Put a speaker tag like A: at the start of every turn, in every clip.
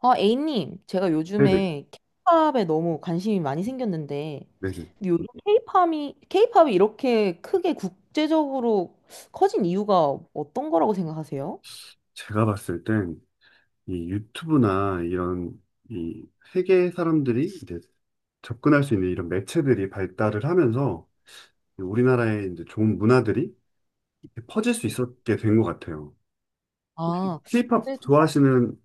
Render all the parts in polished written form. A: 아, A님, 제가
B: 네네.
A: 요즘에 케이팝에 너무 관심이 많이 생겼는데,
B: 네네.
A: 근데 요즘 케이팝이 이렇게 크게 국제적으로 커진 이유가 어떤 거라고 생각하세요?
B: 제가 봤을 땐 이 유튜브나 이런 이 세계 사람들이 이제 접근할 수 있는 이런 매체들이 발달을 하면서 이 우리나라의 이제 좋은 문화들이 이렇게 퍼질 수 있었게 된 것 같아요. 혹시
A: 아,
B: 케이팝
A: 근데 저,
B: 좋아하시는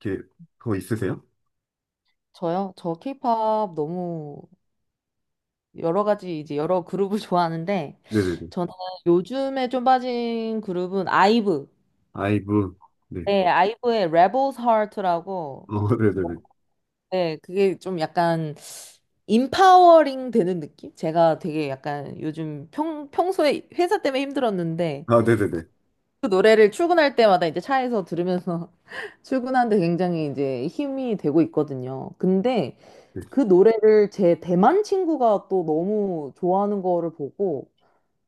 B: 게 그거 있으세요?
A: 저요? 저 케이팝 너무 여러 가지, 이제 여러 그룹을 좋아하는데,
B: 네네네.
A: 저는 요즘에 좀 빠진 그룹은 아이브.
B: 아이브. 네.
A: 네, 아이브의 Rebel's Heart라고,
B: 어, 네네네.
A: 네, 그게 좀 약간 인파워링 되는 느낌? 제가 되게 약간 요즘 평소에 회사 때문에 힘들었는데
B: 아, 네네네.
A: 그 노래를 출근할 때마다 이제 차에서 들으면서 출근하는데 굉장히 이제 힘이 되고 있거든요. 근데
B: 네.
A: 그 노래를 제 대만 친구가 또 너무 좋아하는 거를 보고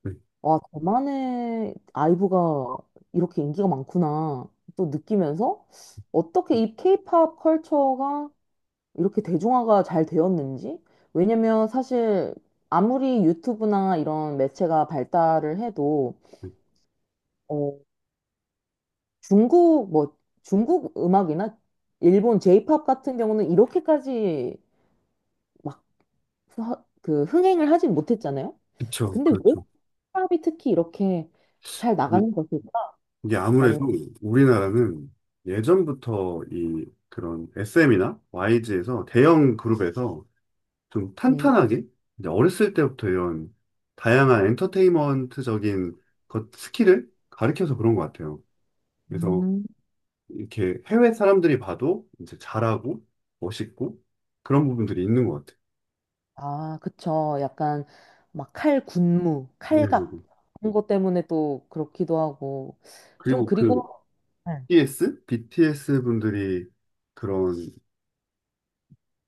B: 네.
A: 와, 대만의 아이브가 이렇게 인기가 많구나 또 느끼면서 어떻게 이 케이팝 컬처가 이렇게 대중화가 잘 되었는지? 왜냐면 사실 아무리 유튜브나 이런 매체가 발달을 해도
B: 네.
A: 어, 중국 뭐 중국 음악이나 일본 J-pop 같은 경우는 이렇게까지 막 그 흥행을 하진 못했잖아요.
B: 그쵸.
A: 근데 왜
B: 그렇죠.
A: 힙합이 특히 이렇게 잘 나가는 것일까라는.
B: 이게 아무래도 우리나라는 예전부터 이 그런 SM이나 YG에서 대형 그룹에서 좀
A: 네.
B: 탄탄하게 이제 어렸을 때부터 이런 다양한 엔터테인먼트적인 것 스킬을 가르쳐서 그런 것 같아요. 그래서
A: 음.
B: 이렇게 해외 사람들이 봐도 이제 잘하고 멋있고 그런 부분들이 있는 것 같아요.
A: 아, 그쵸. 약간 막 칼 군무,
B: 네,
A: 칼각
B: 그리고
A: 그런 것 때문에 또 그렇기도 하고 좀
B: 그리고 그
A: 그리고 네.
B: BTS 분들이 그런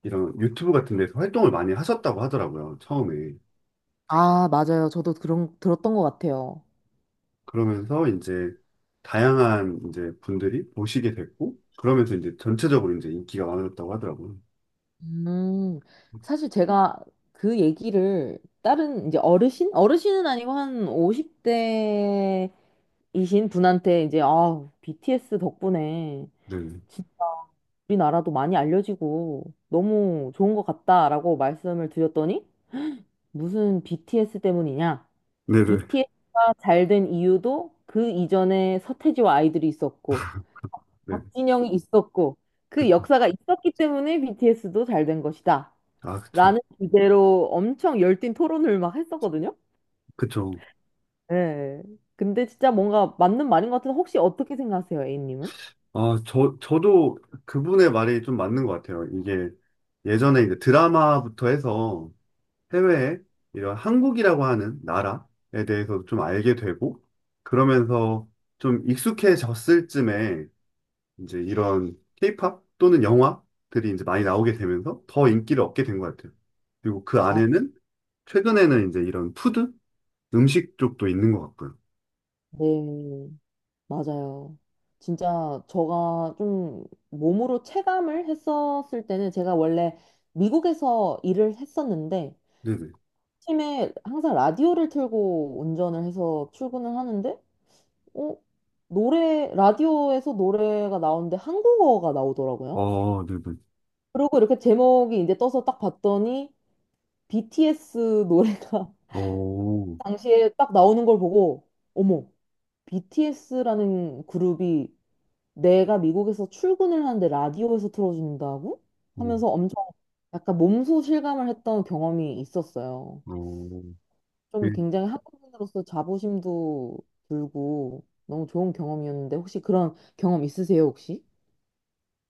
B: 이런 유튜브 같은 데서 활동을 많이 하셨다고 하더라고요, 처음에.
A: 아, 맞아요. 저도 그런, 들었던 것 같아요.
B: 그러면서 이제 다양한 이제 분들이 보시게 됐고, 그러면서 이제 전체적으로 이제 인기가 많아졌다고 하더라고요.
A: 음, 사실 제가 그 얘기를 다른 이제 어르신? 어르신은 아니고 한 50대이신 분한테 이제, 아, BTS 덕분에
B: 네.
A: 진짜 우리나라도 많이 알려지고 너무 좋은 것 같다라고 말씀을 드렸더니 무슨 BTS 때문이냐?
B: 네네.
A: BTS가 잘 된 이유도 그 이전에 서태지와 아이들이 있었고
B: 네.
A: 박진영이 있었고 그
B: 그,
A: 역사가 있었기 때문에 BTS도 잘 된 것이다.
B: 아, 그쵸.
A: 라는 주제로 엄청 열띤 토론을 막 했었거든요.
B: 그쵸.
A: 네. 근데 진짜 뭔가 맞는 말인 것 같은데 혹시 어떻게 생각하세요, A님은?
B: 아, 저도 그분의 말이 좀 맞는 것 같아요. 이게 예전에 이제 드라마부터 해서 해외에 이런 한국이라고 하는 나라에 대해서 좀 알게 되고, 그러면서 좀 익숙해졌을 쯤에 이제 이런 케이팝 또는 영화들이 이제 많이 나오게 되면서 더 인기를 얻게 된 것 같아요. 그리고 그
A: 아,
B: 안에는 최근에는 이제 이런 푸드? 음식 쪽도 있는 것 같고요.
A: 네, 맞아요. 진짜 저가 좀 몸으로 체감을 했었을 때는 제가 원래 미국에서 일을 했었는데
B: 네네.
A: 팀에 항상 라디오를 틀고 운전을 해서 출근을 하는데 어? 라디오에서 노래가 나오는데 한국어가 나오더라고요.
B: 어, 네네.
A: 그리고 이렇게 제목이 이제 떠서 딱 봤더니 BTS 노래가
B: 어, 어,
A: 당시에 딱 나오는 걸 보고, 어머, BTS라는 그룹이 내가 미국에서 출근을 하는데 라디오에서 틀어준다고? 하면서 엄청 약간 몸소 실감을 했던 경험이 있었어요.
B: 어. 네.
A: 좀 굉장히 한국인으로서 자부심도 들고 너무 좋은 경험이었는데 혹시 그런 경험 있으세요, 혹시?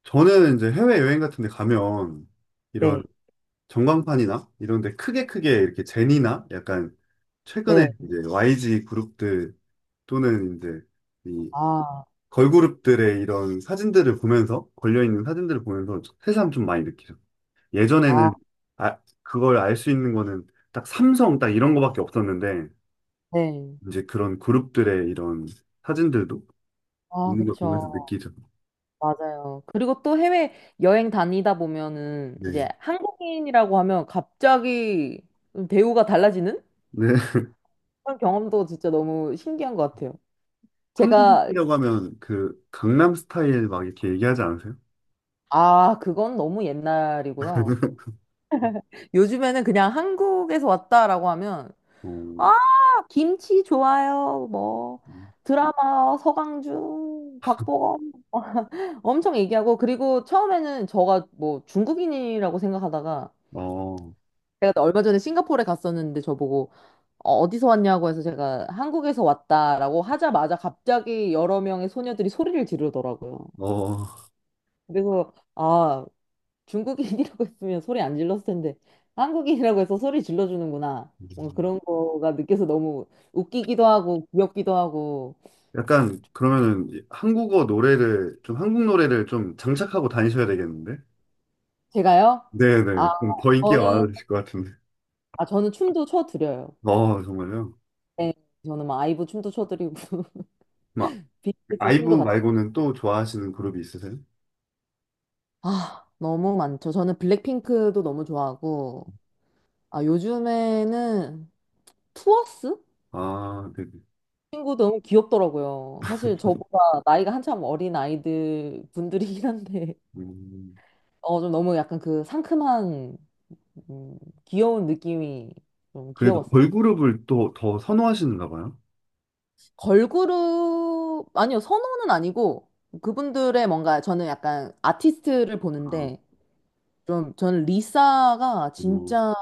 B: 저는 이제 해외여행 같은 데 가면 이런
A: 네.
B: 전광판이나 이런 데 크게 크게 이렇게 제니나 약간 최근에
A: 네.
B: 이제 YG 그룹들 또는 이제 이
A: 아,
B: 걸그룹들의 이런 사진들을 보면서, 걸려있는 사진들을 보면서 새삼 좀 많이 느끼죠.
A: 아,
B: 예전에는 아, 그걸 알 수 있는 거는 딱 삼성 딱 이런 거밖에 없었는데,
A: 네.
B: 이제 그런 그룹들의 이런 사진들도
A: 아,
B: 있는 걸
A: 그쵸.
B: 보면서 느끼죠.
A: 맞아요. 그리고 또 해외 여행 다니다 보면은
B: 네.
A: 이제 한국인이라고 하면 갑자기 대우가 달라지는
B: 네.
A: 그런 경험도 진짜 너무 신기한 것 같아요. 제가,
B: 한국인이라고 하면 그 강남 스타일 막 이렇게 얘기하지 않으세요?
A: 아, 그건 너무 옛날이고요. 요즘에는 그냥 한국에서 왔다라고 하면,
B: 어,
A: 아, 김치 좋아요. 뭐, 드라마, 서강준, 박보검 엄청 얘기하고, 그리고 처음에는 저가 뭐 중국인이라고 생각하다가,
B: 어,
A: 제가 또 얼마 전에 싱가포르에 갔었는데 저보고 어디서 왔냐고 해서 제가 한국에서 왔다라고 하자마자 갑자기 여러 명의 소녀들이 소리를 지르더라고요.
B: 어,
A: 그래서 아, 중국인이라고 했으면 소리 안 질렀을 텐데 한국인이라고 해서 소리 질러주는구나. 뭔가 그런 거가 느껴서 너무 웃기기도 하고 귀엽기도 하고.
B: 약간 그러면은 한국어 노래를 좀 한국 노래를 좀 장착하고 다니셔야 되겠는데?
A: 제가요? 아,
B: 네네. 그럼 더 인기가
A: 저는
B: 많아지실 것 같은데.
A: 아, 저는 춤도 춰드려요.
B: 어, 정말요?
A: 네, 저는 막 아이브 춤도 춰드리고
B: 막,
A: BTS
B: 아이브
A: 춤도 같이.
B: 말고는 또 좋아하시는 그룹이 있으세요?
A: 아, 너무 많죠. 저는 블랙핑크도 너무 좋아하고, 아, 요즘에는 투어스?
B: 아, 네네.
A: 친구 너무 귀엽더라고요. 사실 저보다 나이가 한참 어린 아이들 분들이긴 한데,
B: 음,
A: 좀 너무 약간 그 상큼한, 음, 귀여운 느낌이 좀
B: 그래도
A: 귀여웠습니다.
B: 걸그룹을 또 더 선호하시는가 봐요?
A: 걸그룹, 아니요, 선호는 아니고, 그분들의 뭔가 저는 약간 아티스트를
B: 아,
A: 보는데, 좀 저는 리사가
B: 어,
A: 진짜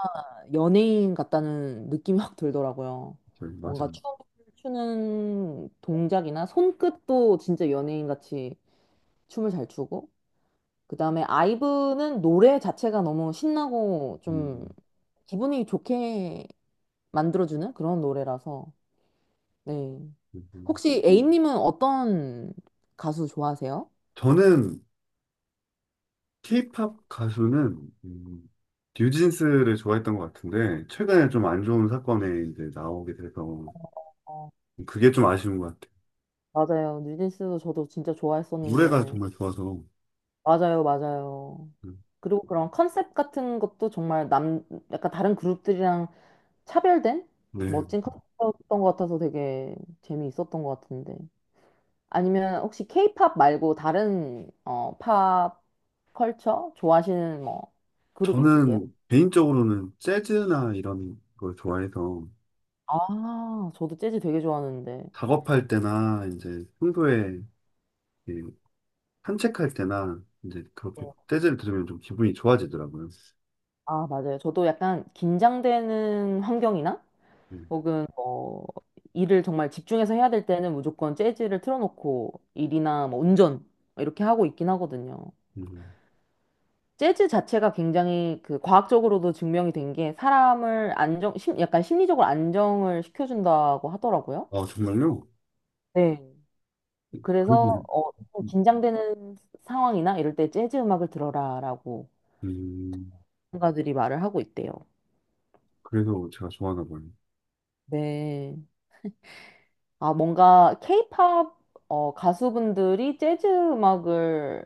A: 연예인 같다는 느낌이 확 들더라고요. 뭔가
B: 맞아요.
A: 춤을 추는 동작이나 손끝도 진짜 연예인 같이 춤을 잘 추고, 그다음에 아이브는 노래 자체가 너무 신나고 좀
B: 음,
A: 기분이 좋게 만들어주는 그런 노래라서, 네.
B: 그리고
A: 혹시 A님은 어떤 가수 좋아하세요?
B: 저는 케이팝 가수는, 뉴진스를 좋아했던 것 같은데, 최근에 좀 안 좋은 사건에 이제 나오게 돼서,
A: 어,
B: 그게 좀 아쉬운 것 같아요.
A: 맞아요. 뉴진스 저도 진짜
B: 노래가
A: 좋아했었는데.
B: 정말 좋아서.
A: 맞아요, 맞아요.
B: 음,
A: 그리고 그런 컨셉 같은 것도 정말 약간 다른 그룹들이랑 차별된
B: 네.
A: 멋진 컨셉이었던 것 같아서 되게 재미있었던 것 같은데. 아니면 혹시 케이팝 말고 다른 팝 컬처 좋아하시는 뭐 그룹 있으세요?
B: 저는 개인적으로는 재즈나 이런 걸 좋아해서
A: 아, 저도 재즈 되게 좋아하는데.
B: 작업할 때나 이제 평소에 이렇게 산책할 때나 이제
A: 네.
B: 그렇게 재즈를 들으면 좀 기분이 좋아지더라고요.
A: 아, 맞아요. 저도 약간 긴장되는 환경이나
B: 네.
A: 혹은 뭐 일을 정말 집중해서 해야 될 때는 무조건 재즈를 틀어놓고 일이나 뭐 운전 이렇게 하고 있긴 하거든요.
B: 음.
A: 재즈 자체가 굉장히 그 과학적으로도 증명이 된 게 사람을 약간 심리적으로 안정을 시켜준다고 하더라고요.
B: 아, 정말요?
A: 네.
B: 그래서,
A: 그래서 좀 긴장되는 상황이나 이럴 때 재즈 음악을 들어라라고
B: 음,
A: 전문가들이 말을 하고 있대요.
B: 그래서 제가 좋아하나 봐요.
A: 네. 아, 뭔가 케이팝 가수분들이 재즈 음악을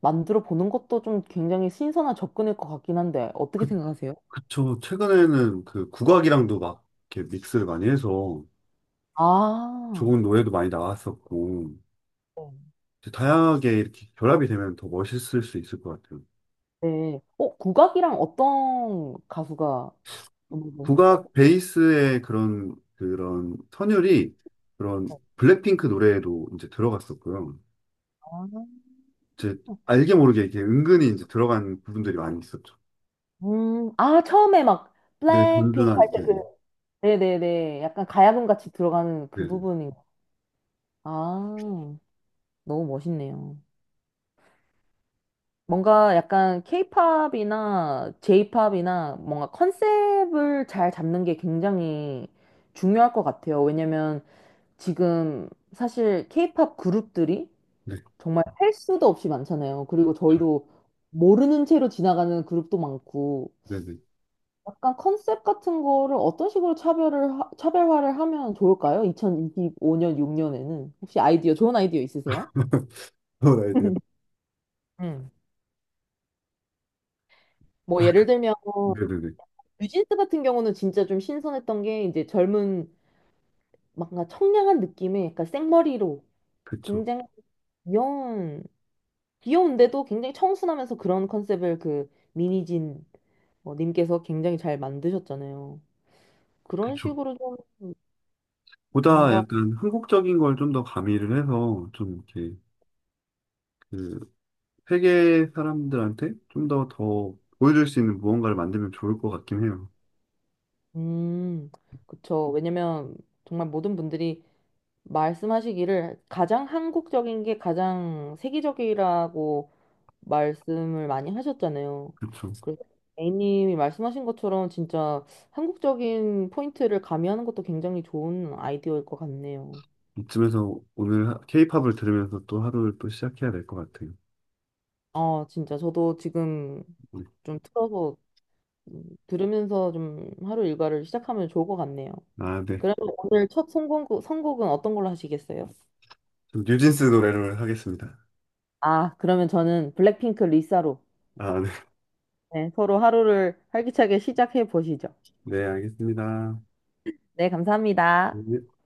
A: 만들어 보는 것도 좀 굉장히 신선한 접근일 것 같긴 한데 어떻게 생각하세요?
B: 그쵸. 최근에는 그 국악이랑도 막 이렇게 믹스를 많이 해서
A: 아,
B: 좋은 노래도 많이 나왔었고,
A: 네.
B: 이제 다양하게 이렇게 결합이 되면 더 멋있을 수 있을 것 같아요.
A: 네. 국악이랑 어떤 가수가 음악을?
B: 국악 베이스의 그런 선율이 그런
A: 어,
B: 블랙핑크 노래에도 이제 들어갔었고요.
A: 아,
B: 제 알게 모르게 이렇게 은근히 이제 들어간 부분들이 많이 있었죠.
A: 아, 처음에 막
B: 네,
A: 블랙핑크 할
B: 든든한.
A: 때 그,
B: 네네.
A: 네네네. 약간 가야금 같이 들어가는 그
B: 네네.
A: 부분이. 아, 너무 멋있네요. 뭔가 약간 케이팝이나 제이팝이나 뭔가 컨셉을 잘 잡는 게 굉장히 중요할 것 같아요. 왜냐면 지금 사실 케이팝 그룹들이
B: 네,
A: 정말 할 수도 없이 많잖아요. 그리고 저희도 모르는 채로 지나가는 그룹도 많고,
B: 네네.
A: 약간 컨셉 같은 거를 어떤 식으로 차별화를 하면 좋을까요? 2025년, 6년에는. 혹시 좋은 아이디어 있으세요?
B: 그런 아이디어.
A: 음. 뭐 예를 들면
B: 네네네.
A: 뉴진스 같은 경우는 진짜 좀 신선했던 게 이제 젊은 뭔가 청량한 느낌의 약간 생머리로
B: 그쵸.
A: 굉장히 귀여운 귀여운데도 굉장히 청순하면서 그런 컨셉을 그 미니진 님께서 굉장히 잘 만드셨잖아요. 그런
B: 그쵸.
A: 식으로 좀
B: 보다
A: 뭔가.
B: 약간 한국적인 걸 좀 더 가미를 해서 좀 이렇게 그 세계 사람들한테 좀 더 보여줄 수 있는 무언가를 만들면 좋을 것 같긴 해요.
A: 음, 그쵸. 왜냐면 정말 모든 분들이 말씀하시기를 가장 한국적인 게 가장 세계적이라고 말씀을 많이 하셨잖아요.
B: 그쵸.
A: 그래서 A님이 말씀하신 것처럼 진짜 한국적인 포인트를 가미하는 것도 굉장히 좋은 아이디어일 것 같네요.
B: 이쯤에서 오늘 케이팝을 들으면서 또 하루를 또 시작해야 될 것 같아요.
A: 아, 진짜 저도 지금
B: 네.
A: 좀 틀어서 들으면서 좀 하루 일과를 시작하면 좋을 것 같네요.
B: 아, 네.
A: 그러면 오늘 첫 선곡은 어떤 걸로 하시겠어요?
B: 좀 뉴진스 노래를 하겠습니다.
A: 아, 그러면 저는 블랙핑크 리사로.
B: 아, 네.
A: 네, 서로 하루를 활기차게 시작해 보시죠.
B: 네, 알겠습니다.
A: 네, 감사합니다.
B: 네.